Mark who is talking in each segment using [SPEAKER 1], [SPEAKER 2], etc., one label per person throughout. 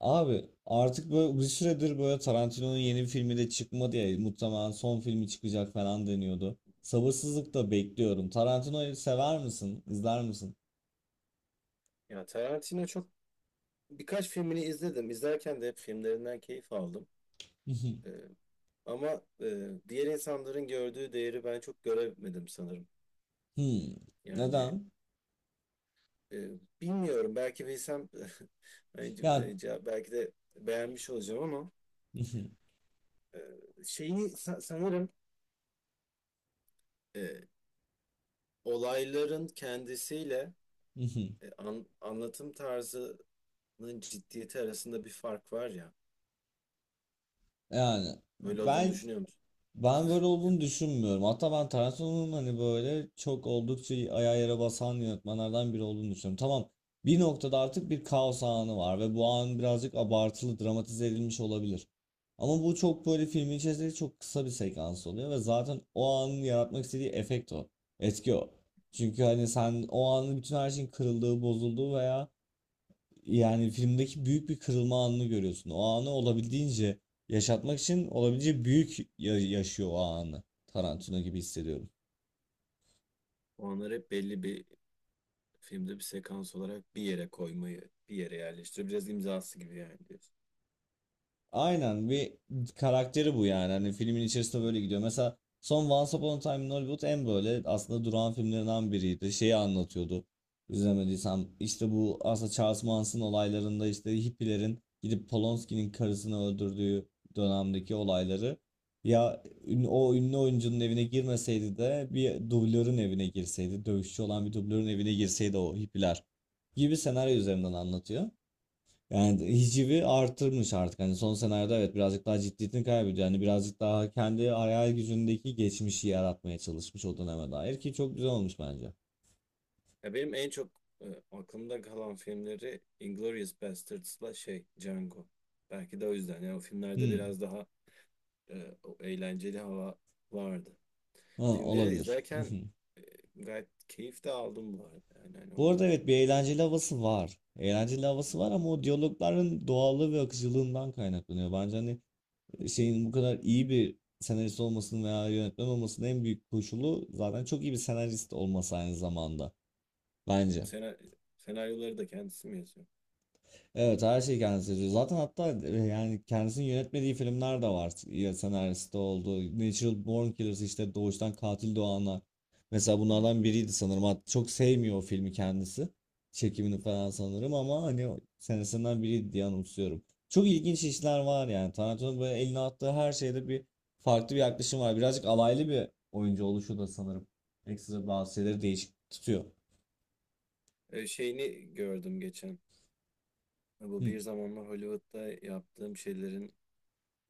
[SPEAKER 1] Abi artık böyle bir süredir böyle Tarantino'nun yeni bir filmi de çıkmadı ya, muhtemelen son filmi çıkacak falan deniyordu. Sabırsızlıkla bekliyorum. Tarantino'yu sever misin? İzler misin?
[SPEAKER 2] Ya Tarantino birkaç filmini izledim. İzlerken de hep filmlerinden keyif aldım. Ee, Ama diğer insanların gördüğü değeri ben çok göremedim sanırım.
[SPEAKER 1] Hmm.
[SPEAKER 2] Yani
[SPEAKER 1] Neden?
[SPEAKER 2] e, bilmiyorum, belki bilsem hani
[SPEAKER 1] Ya,
[SPEAKER 2] belki de beğenmiş olacağım, ama e, şeyi sanırım e, olayların kendisiyle anlatım tarzının ciddiyeti arasında bir fark var ya.
[SPEAKER 1] yani
[SPEAKER 2] Böyle olduğunu
[SPEAKER 1] ben
[SPEAKER 2] düşünüyor musun?
[SPEAKER 1] Ben böyle
[SPEAKER 2] Ya
[SPEAKER 1] olduğunu
[SPEAKER 2] da
[SPEAKER 1] düşünmüyorum. Hatta ben Tarantino'nun hani böyle çok oldukça ayağa yere basan yönetmenlerden biri olduğunu düşünüyorum. Tamam, bir noktada artık bir kaos anı var ve bu an birazcık abartılı dramatize edilmiş olabilir. Ama bu çok böyle filmin içerisinde çok kısa bir sekans oluyor ve zaten o anın yaratmak istediği efekt o. Etki o. Çünkü hani sen o anın bütün her şeyin kırıldığı, bozulduğu veya yani filmdeki büyük bir kırılma anını görüyorsun. O anı olabildiğince yaşatmak için olabildiğince büyük yaşıyor o anı. Tarantino gibi hissediyorum.
[SPEAKER 2] Onlar hep belli bir filmde bir sekans olarak bir yere koymayı, bir yere yerleştiriyor. Biraz imzası gibi, yani diyorsun.
[SPEAKER 1] Aynen, bir karakteri bu yani. Hani filmin içerisinde böyle gidiyor. Mesela son Once Upon a Time in Hollywood en böyle aslında duran filmlerinden biriydi. Şeyi anlatıyordu. İzlemediysem işte bu aslında Charles Manson olaylarında işte hippilerin gidip Polonsky'nin karısını öldürdüğü dönemdeki olayları. Ya o ünlü oyuncunun evine girmeseydi de bir dublörün evine girseydi, dövüşçü olan bir dublörün evine girseydi o hippiler gibi senaryo üzerinden anlatıyor. Yani hicivi artırmış artık. Hani son senaryoda evet birazcık daha ciddiyetini kaybediyor. Yani birazcık daha kendi hayal gücündeki geçmişi yaratmaya çalışmış o döneme dair ki çok güzel olmuş bence.
[SPEAKER 2] Ya, benim en çok aklımda kalan filmleri Inglourious Bastards'la şey Django. Belki de o yüzden. Yani o filmlerde
[SPEAKER 1] Hmm.
[SPEAKER 2] biraz daha o eğlenceli hava vardı.
[SPEAKER 1] Ha,
[SPEAKER 2] Filmleri
[SPEAKER 1] olabilir.
[SPEAKER 2] izlerken gayet keyif de aldım bu arada. Yani hani
[SPEAKER 1] Bu arada
[SPEAKER 2] orada
[SPEAKER 1] evet bir eğlenceli havası var. Eğlenceli havası var ama o diyalogların doğallığı ve akıcılığından kaynaklanıyor. Bence hani şeyin bu kadar iyi bir senarist olmasının veya yönetmen olmasının en büyük koşulu zaten çok iyi bir senarist olması aynı zamanda. Bence.
[SPEAKER 2] sena- senaryoları da kendisi mi yazıyor
[SPEAKER 1] Evet,
[SPEAKER 2] filmlerde?
[SPEAKER 1] her şeyi kendisi yazıyor. Zaten hatta yani kendisinin yönetmediği filmler de var. Ya senaristi oldu. Natural Born Killers, işte doğuştan katil doğanlar. Mesela
[SPEAKER 2] Hmm.
[SPEAKER 1] bunlardan biriydi sanırım. Çok sevmiyor o filmi kendisi. Çekimini falan sanırım, ama hani o senesinden biriydi diye anımsıyorum. Çok ilginç işler var yani. Tarantino'nun böyle eline attığı her şeyde bir farklı bir yaklaşım var. Birazcık alaylı bir oyuncu oluşu da sanırım. Ekstra bazı şeyleri değişik tutuyor.
[SPEAKER 2] Şeyini gördüm geçen. Bu
[SPEAKER 1] Hmm.
[SPEAKER 2] bir zamanlar Hollywood'da yaptığım şeylerin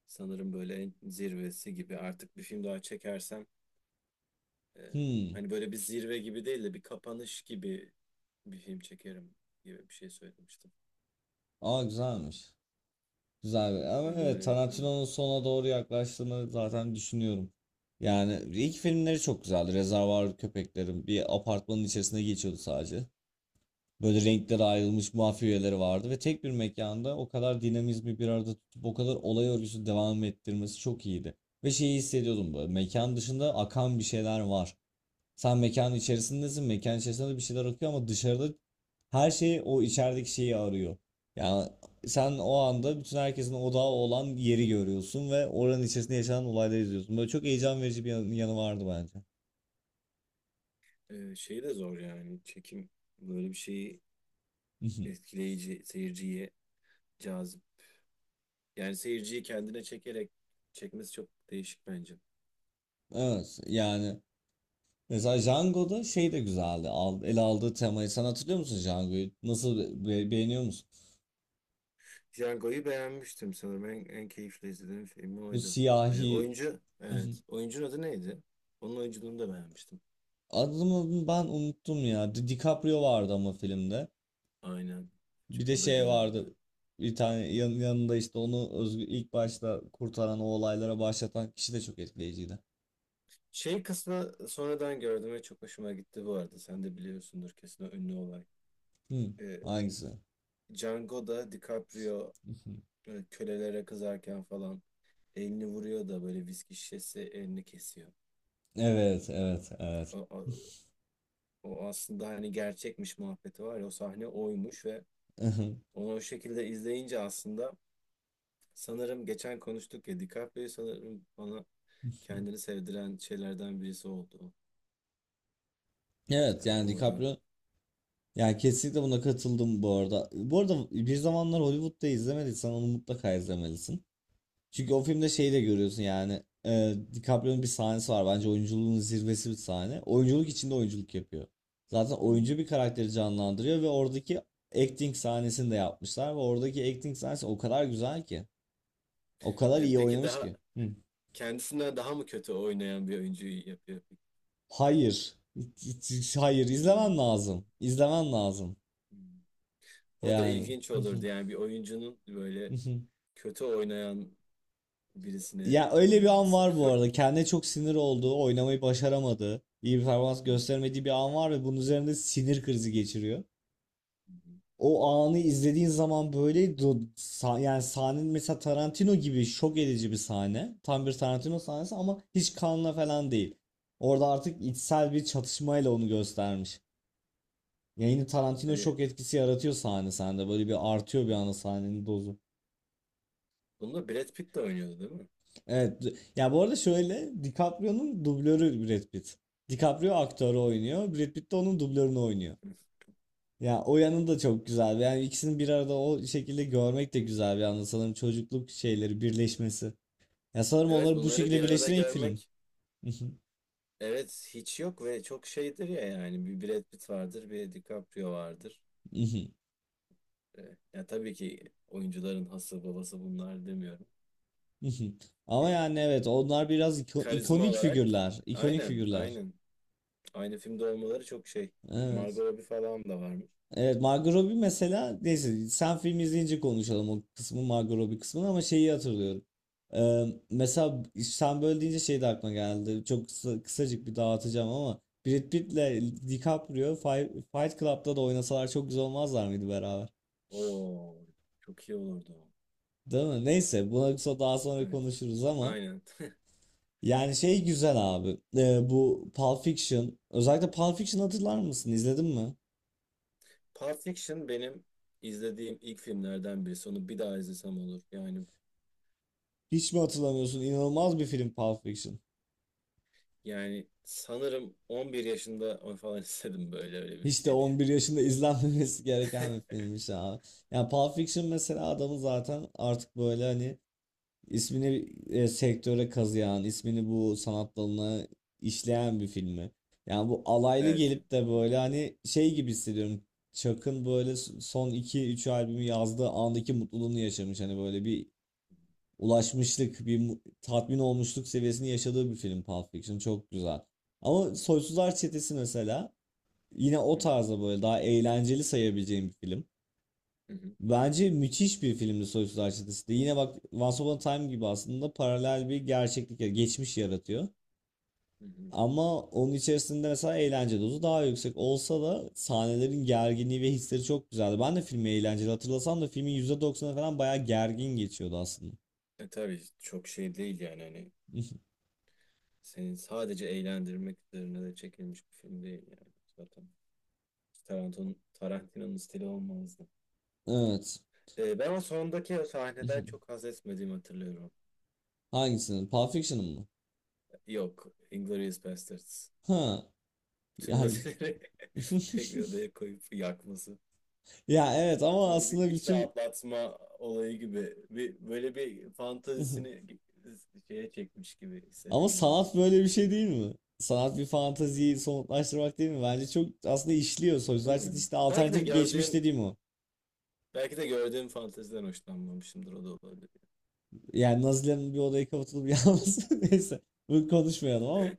[SPEAKER 2] sanırım böyle en zirvesi gibi. Artık bir film daha çekersem e,
[SPEAKER 1] Hmm.
[SPEAKER 2] hani böyle bir zirve gibi değil de bir kapanış gibi bir film çekerim gibi bir şey söylemiştim.
[SPEAKER 1] Aa, güzelmiş. Ama
[SPEAKER 2] Hani
[SPEAKER 1] evet,
[SPEAKER 2] böyle
[SPEAKER 1] Tarantino'nun sona doğru yaklaştığını zaten düşünüyorum. Yani ilk filmleri çok güzeldi. Rezervuar Köpeklerim bir apartmanın içerisinde geçiyordu sadece. Böyle renklere ayrılmış mafya üyeleri vardı ve tek bir mekanda o kadar dinamizmi bir arada tutup o kadar olay örgüsü devam ettirmesi çok iyiydi. Ve şeyi hissediyordum, böyle mekan dışında akan bir şeyler var. Sen mekanın içerisindesin. Mekanın içerisinde de bir şeyler akıyor ama dışarıda her şey o içerideki şeyi arıyor. Yani sen o anda bütün herkesin odağı olan yeri görüyorsun ve oranın içerisinde yaşanan olayları izliyorsun. Böyle çok heyecan verici bir yanı vardı bence.
[SPEAKER 2] şey de zor yani, çekim böyle bir şeyi etkileyici, seyirciye cazip. Yani seyirciyi kendine çekerek çekmesi çok değişik bence.
[SPEAKER 1] Evet yani mesela Django'da şey de güzeldi. Al, ele aldığı temayı. Sen hatırlıyor musun Django'yu? Nasıl, beğeniyor musun?
[SPEAKER 2] Django'yu beğenmiştim sanırım. En keyifli izlediğim film
[SPEAKER 1] Bu
[SPEAKER 2] oydu.
[SPEAKER 1] siyahi.
[SPEAKER 2] Oyuncu, evet. Oyuncunun adı neydi? Onun oyunculuğunu da beğenmiştim.
[SPEAKER 1] Adını ben unuttum ya. DiCaprio vardı ama filmde.
[SPEAKER 2] Aynen.
[SPEAKER 1] Bir de
[SPEAKER 2] O da
[SPEAKER 1] şey vardı.
[SPEAKER 2] güzeldi.
[SPEAKER 1] Bir tane yanında işte onu özgü, ilk başta kurtaran o olaylara başlatan kişi de çok etkileyiciydi.
[SPEAKER 2] Şey kısmı sonradan gördüm ve çok hoşuma gitti bu arada. Sen de biliyorsundur kesin o ünlü olay.
[SPEAKER 1] Hmm,
[SPEAKER 2] Ee,
[SPEAKER 1] hangisi?
[SPEAKER 2] Django'da DiCaprio kölelere kızarken falan elini vuruyor da böyle viski şişesi elini kesiyor.
[SPEAKER 1] Evet, evet, evet.
[SPEAKER 2] O, o, o aslında hani gerçekmiş muhabbeti var ya, o sahne oymuş. Ve onu o şekilde izleyince aslında sanırım, geçen konuştuk ya, DiCaprio sanırım bana kendini sevdiren şeylerden birisi oldu.
[SPEAKER 1] Evet
[SPEAKER 2] Yani
[SPEAKER 1] yani
[SPEAKER 2] orada.
[SPEAKER 1] DiCaprio, yani kesinlikle buna katıldım bu arada. Bu arada bir zamanlar Hollywood'da izlemediysen onu mutlaka izlemelisin. Çünkü o filmde şeyi de görüyorsun yani. DiCaprio'nun bir sahnesi var. Bence oyunculuğun zirvesi bir sahne. Oyunculuk içinde oyunculuk yapıyor. Zaten
[SPEAKER 2] Hmm.
[SPEAKER 1] oyuncu bir karakteri canlandırıyor ve oradaki acting sahnesini de yapmışlar ve oradaki acting sahnesi o kadar güzel ki. O kadar iyi
[SPEAKER 2] Peki,
[SPEAKER 1] oynamış
[SPEAKER 2] daha
[SPEAKER 1] ki. Hı.
[SPEAKER 2] kendisinden daha mı kötü oynayan bir oyuncuyu yapıyor?
[SPEAKER 1] Hayır. Hayır,
[SPEAKER 2] Hmm.
[SPEAKER 1] izlemen lazım. İzlemen lazım.
[SPEAKER 2] O da
[SPEAKER 1] Yani.
[SPEAKER 2] ilginç olurdu, yani bir oyuncunun böyle kötü oynayan birisini
[SPEAKER 1] Ya öyle bir an
[SPEAKER 2] oynaması.
[SPEAKER 1] var bu arada. Kendine çok sinir olduğu, oynamayı başaramadığı, iyi bir performans gösteremediği bir an var ve bunun üzerinde sinir krizi geçiriyor.
[SPEAKER 2] Hmm.
[SPEAKER 1] O anı izlediğin zaman böyle yani sahnenin, mesela Tarantino gibi şok edici bir sahne. Tam bir Tarantino sahnesi ama hiç kanla falan değil. Orada artık içsel bir çatışmayla onu göstermiş. Yayını Tarantino
[SPEAKER 2] E,
[SPEAKER 1] şok etkisi yaratıyor sahne sende. Böyle bir artıyor bir anda sahnenin dozu.
[SPEAKER 2] Bunda Brad Pitt de oynuyordu değil mi?
[SPEAKER 1] Evet. Ya bu arada şöyle, DiCaprio'nun dublörü Brad Pitt. DiCaprio aktörü oynuyor. Brad Pitt de onun dublörünü oynuyor. Ya o yanı da çok güzel. Yani ikisini bir arada o şekilde görmek de güzel bir anda. Sanırım çocukluk şeyleri birleşmesi. Ya sanırım
[SPEAKER 2] Evet,
[SPEAKER 1] onları bu
[SPEAKER 2] bunları
[SPEAKER 1] şekilde
[SPEAKER 2] bir arada
[SPEAKER 1] birleştiren ilk film.
[SPEAKER 2] görmek, evet, hiç yok ve çok şeydir ya. Yani bir Brad Pitt vardır, bir DiCaprio vardır. Ya, tabii ki oyuncuların hası babası bunlar demiyorum.
[SPEAKER 1] Ama
[SPEAKER 2] E,
[SPEAKER 1] yani evet onlar biraz
[SPEAKER 2] Karizma
[SPEAKER 1] ikonik
[SPEAKER 2] olarak,
[SPEAKER 1] figürler. İkonik
[SPEAKER 2] aynen,
[SPEAKER 1] figürler.
[SPEAKER 2] aynen. Aynı filmde olmaları çok şey.
[SPEAKER 1] Evet.
[SPEAKER 2] Margot Robbie falan da varmış.
[SPEAKER 1] Evet, Margot Robbie mesela, neyse sen film izleyince konuşalım o kısmı, Margot Robbie kısmını, ama şeyi hatırlıyorum. Mesela sen böyle deyince şey de aklıma geldi. Çok kısa, kısacık bir dağıtacağım ama Brad Pitt'le DiCaprio Fight Club'da da oynasalar çok güzel olmazlar mıydı beraber?
[SPEAKER 2] Oo, çok iyi olurdu o.
[SPEAKER 1] Değil mi? Neyse buna daha sonra
[SPEAKER 2] Evet.
[SPEAKER 1] konuşuruz ama
[SPEAKER 2] Aynen.
[SPEAKER 1] yani şey güzel abi. Bu Pulp Fiction, özellikle Pulp Fiction, hatırlar mısın? İzledin mi?
[SPEAKER 2] Pulp Fiction benim izlediğim ilk filmlerden birisi. Onu bir daha izlesem olur. Yani
[SPEAKER 1] Hiç mi hatırlamıyorsun? İnanılmaz bir film Pulp Fiction.
[SPEAKER 2] yani sanırım 11 yaşında onu falan istedim, böyle öyle bir
[SPEAKER 1] Hiç de
[SPEAKER 2] şey diye.
[SPEAKER 1] 11 yaşında izlenmemesi gereken bir filmmiş abi. Yani Pulp Fiction mesela adamı zaten artık böyle, hani ismini sektöre kazıyan, ismini bu sanat dalına işleyen bir filmi. Yani bu alaylı
[SPEAKER 2] Evet.
[SPEAKER 1] gelip de
[SPEAKER 2] Hı hı,
[SPEAKER 1] böyle hani şey gibi hissediyorum. Chuck'ın böyle son iki üç albümü yazdığı andaki mutluluğunu yaşamış. Hani böyle bir ulaşmışlık, bir tatmin olmuşluk seviyesini yaşadığı bir film Pulp Fiction. Çok güzel. Ama Soysuzlar Çetesi mesela, yine o tarzda böyle daha eğlenceli sayabileceğim bir film.
[SPEAKER 2] hı hı,
[SPEAKER 1] Bence müthiş bir filmdi Soysuz Arşidesi de. Yine bak, Once Upon a Time gibi aslında paralel bir gerçeklik, geçmiş yaratıyor.
[SPEAKER 2] hı hı.
[SPEAKER 1] Ama onun içerisinde mesela eğlence dozu daha yüksek olsa da sahnelerin gerginliği ve hisleri çok güzeldi. Ben de filmi eğlenceli hatırlasam da filmin %90'ı falan bayağı gergin geçiyordu aslında.
[SPEAKER 2] Tabii, çok şey değil yani, hani seni sadece eğlendirmek üzerine de çekilmiş bir film değil yani, zaten. Tarantino'nun stili olmaz.
[SPEAKER 1] Evet.
[SPEAKER 2] Ben o sondaki sahneden çok haz etmediğimi hatırlıyorum.
[SPEAKER 1] Hangisini? Pulp Fiction'ın mı?
[SPEAKER 2] Yok, Inglourious Basterds.
[SPEAKER 1] Ha. Ya,
[SPEAKER 2] Bütün nazileri tek bir odaya koyup yakması.
[SPEAKER 1] ya evet ama
[SPEAKER 2] Böyle bir
[SPEAKER 1] aslında
[SPEAKER 2] iç
[SPEAKER 1] bütün.
[SPEAKER 2] rahatlatma olayı gibi. Böyle bir fantazisini şeye çekmiş gibi
[SPEAKER 1] Ama
[SPEAKER 2] hissettim orada.
[SPEAKER 1] sanat böyle bir şey değil mi? Sanat bir fantaziyi somutlaştırmak değil mi? Bence çok aslında işliyor. Sözler işte
[SPEAKER 2] Bilmiyorum.
[SPEAKER 1] işte alternatif geçmiş dediğim o.
[SPEAKER 2] Belki de gördüğüm fanteziden hoşlanmamışımdır, o da olabilir.
[SPEAKER 1] Yani Nazilerin bir odaya kapatılıp yalnız neyse, bunu konuşmayalım ama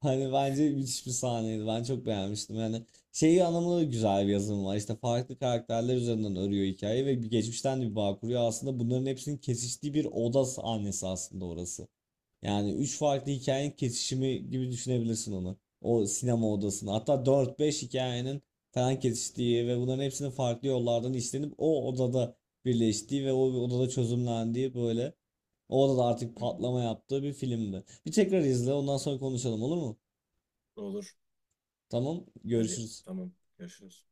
[SPEAKER 1] hani bence müthiş bir sahneydi. Ben çok beğenmiştim. Yani şeyi anlamında da güzel bir yazım var. İşte farklı karakterler üzerinden örüyor hikayeyi ve bir geçmişten de bir bağ kuruyor. Aslında bunların hepsinin kesiştiği bir oda sahnesi aslında orası. Yani üç farklı hikayenin kesişimi gibi düşünebilirsin onu. O sinema odasını. Hatta dört, beş hikayenin falan kesiştiği ve bunların hepsinin farklı yollardan işlenip o odada birleştiği ve o odada çözümlendiği, böyle o odada artık
[SPEAKER 2] Hı hı.
[SPEAKER 1] patlama yaptığı bir filmdi. Bir tekrar izle ondan sonra konuşalım, olur mu?
[SPEAKER 2] Olur.
[SPEAKER 1] Tamam,
[SPEAKER 2] Hadi,
[SPEAKER 1] görüşürüz.
[SPEAKER 2] tamam. Görüşürüz.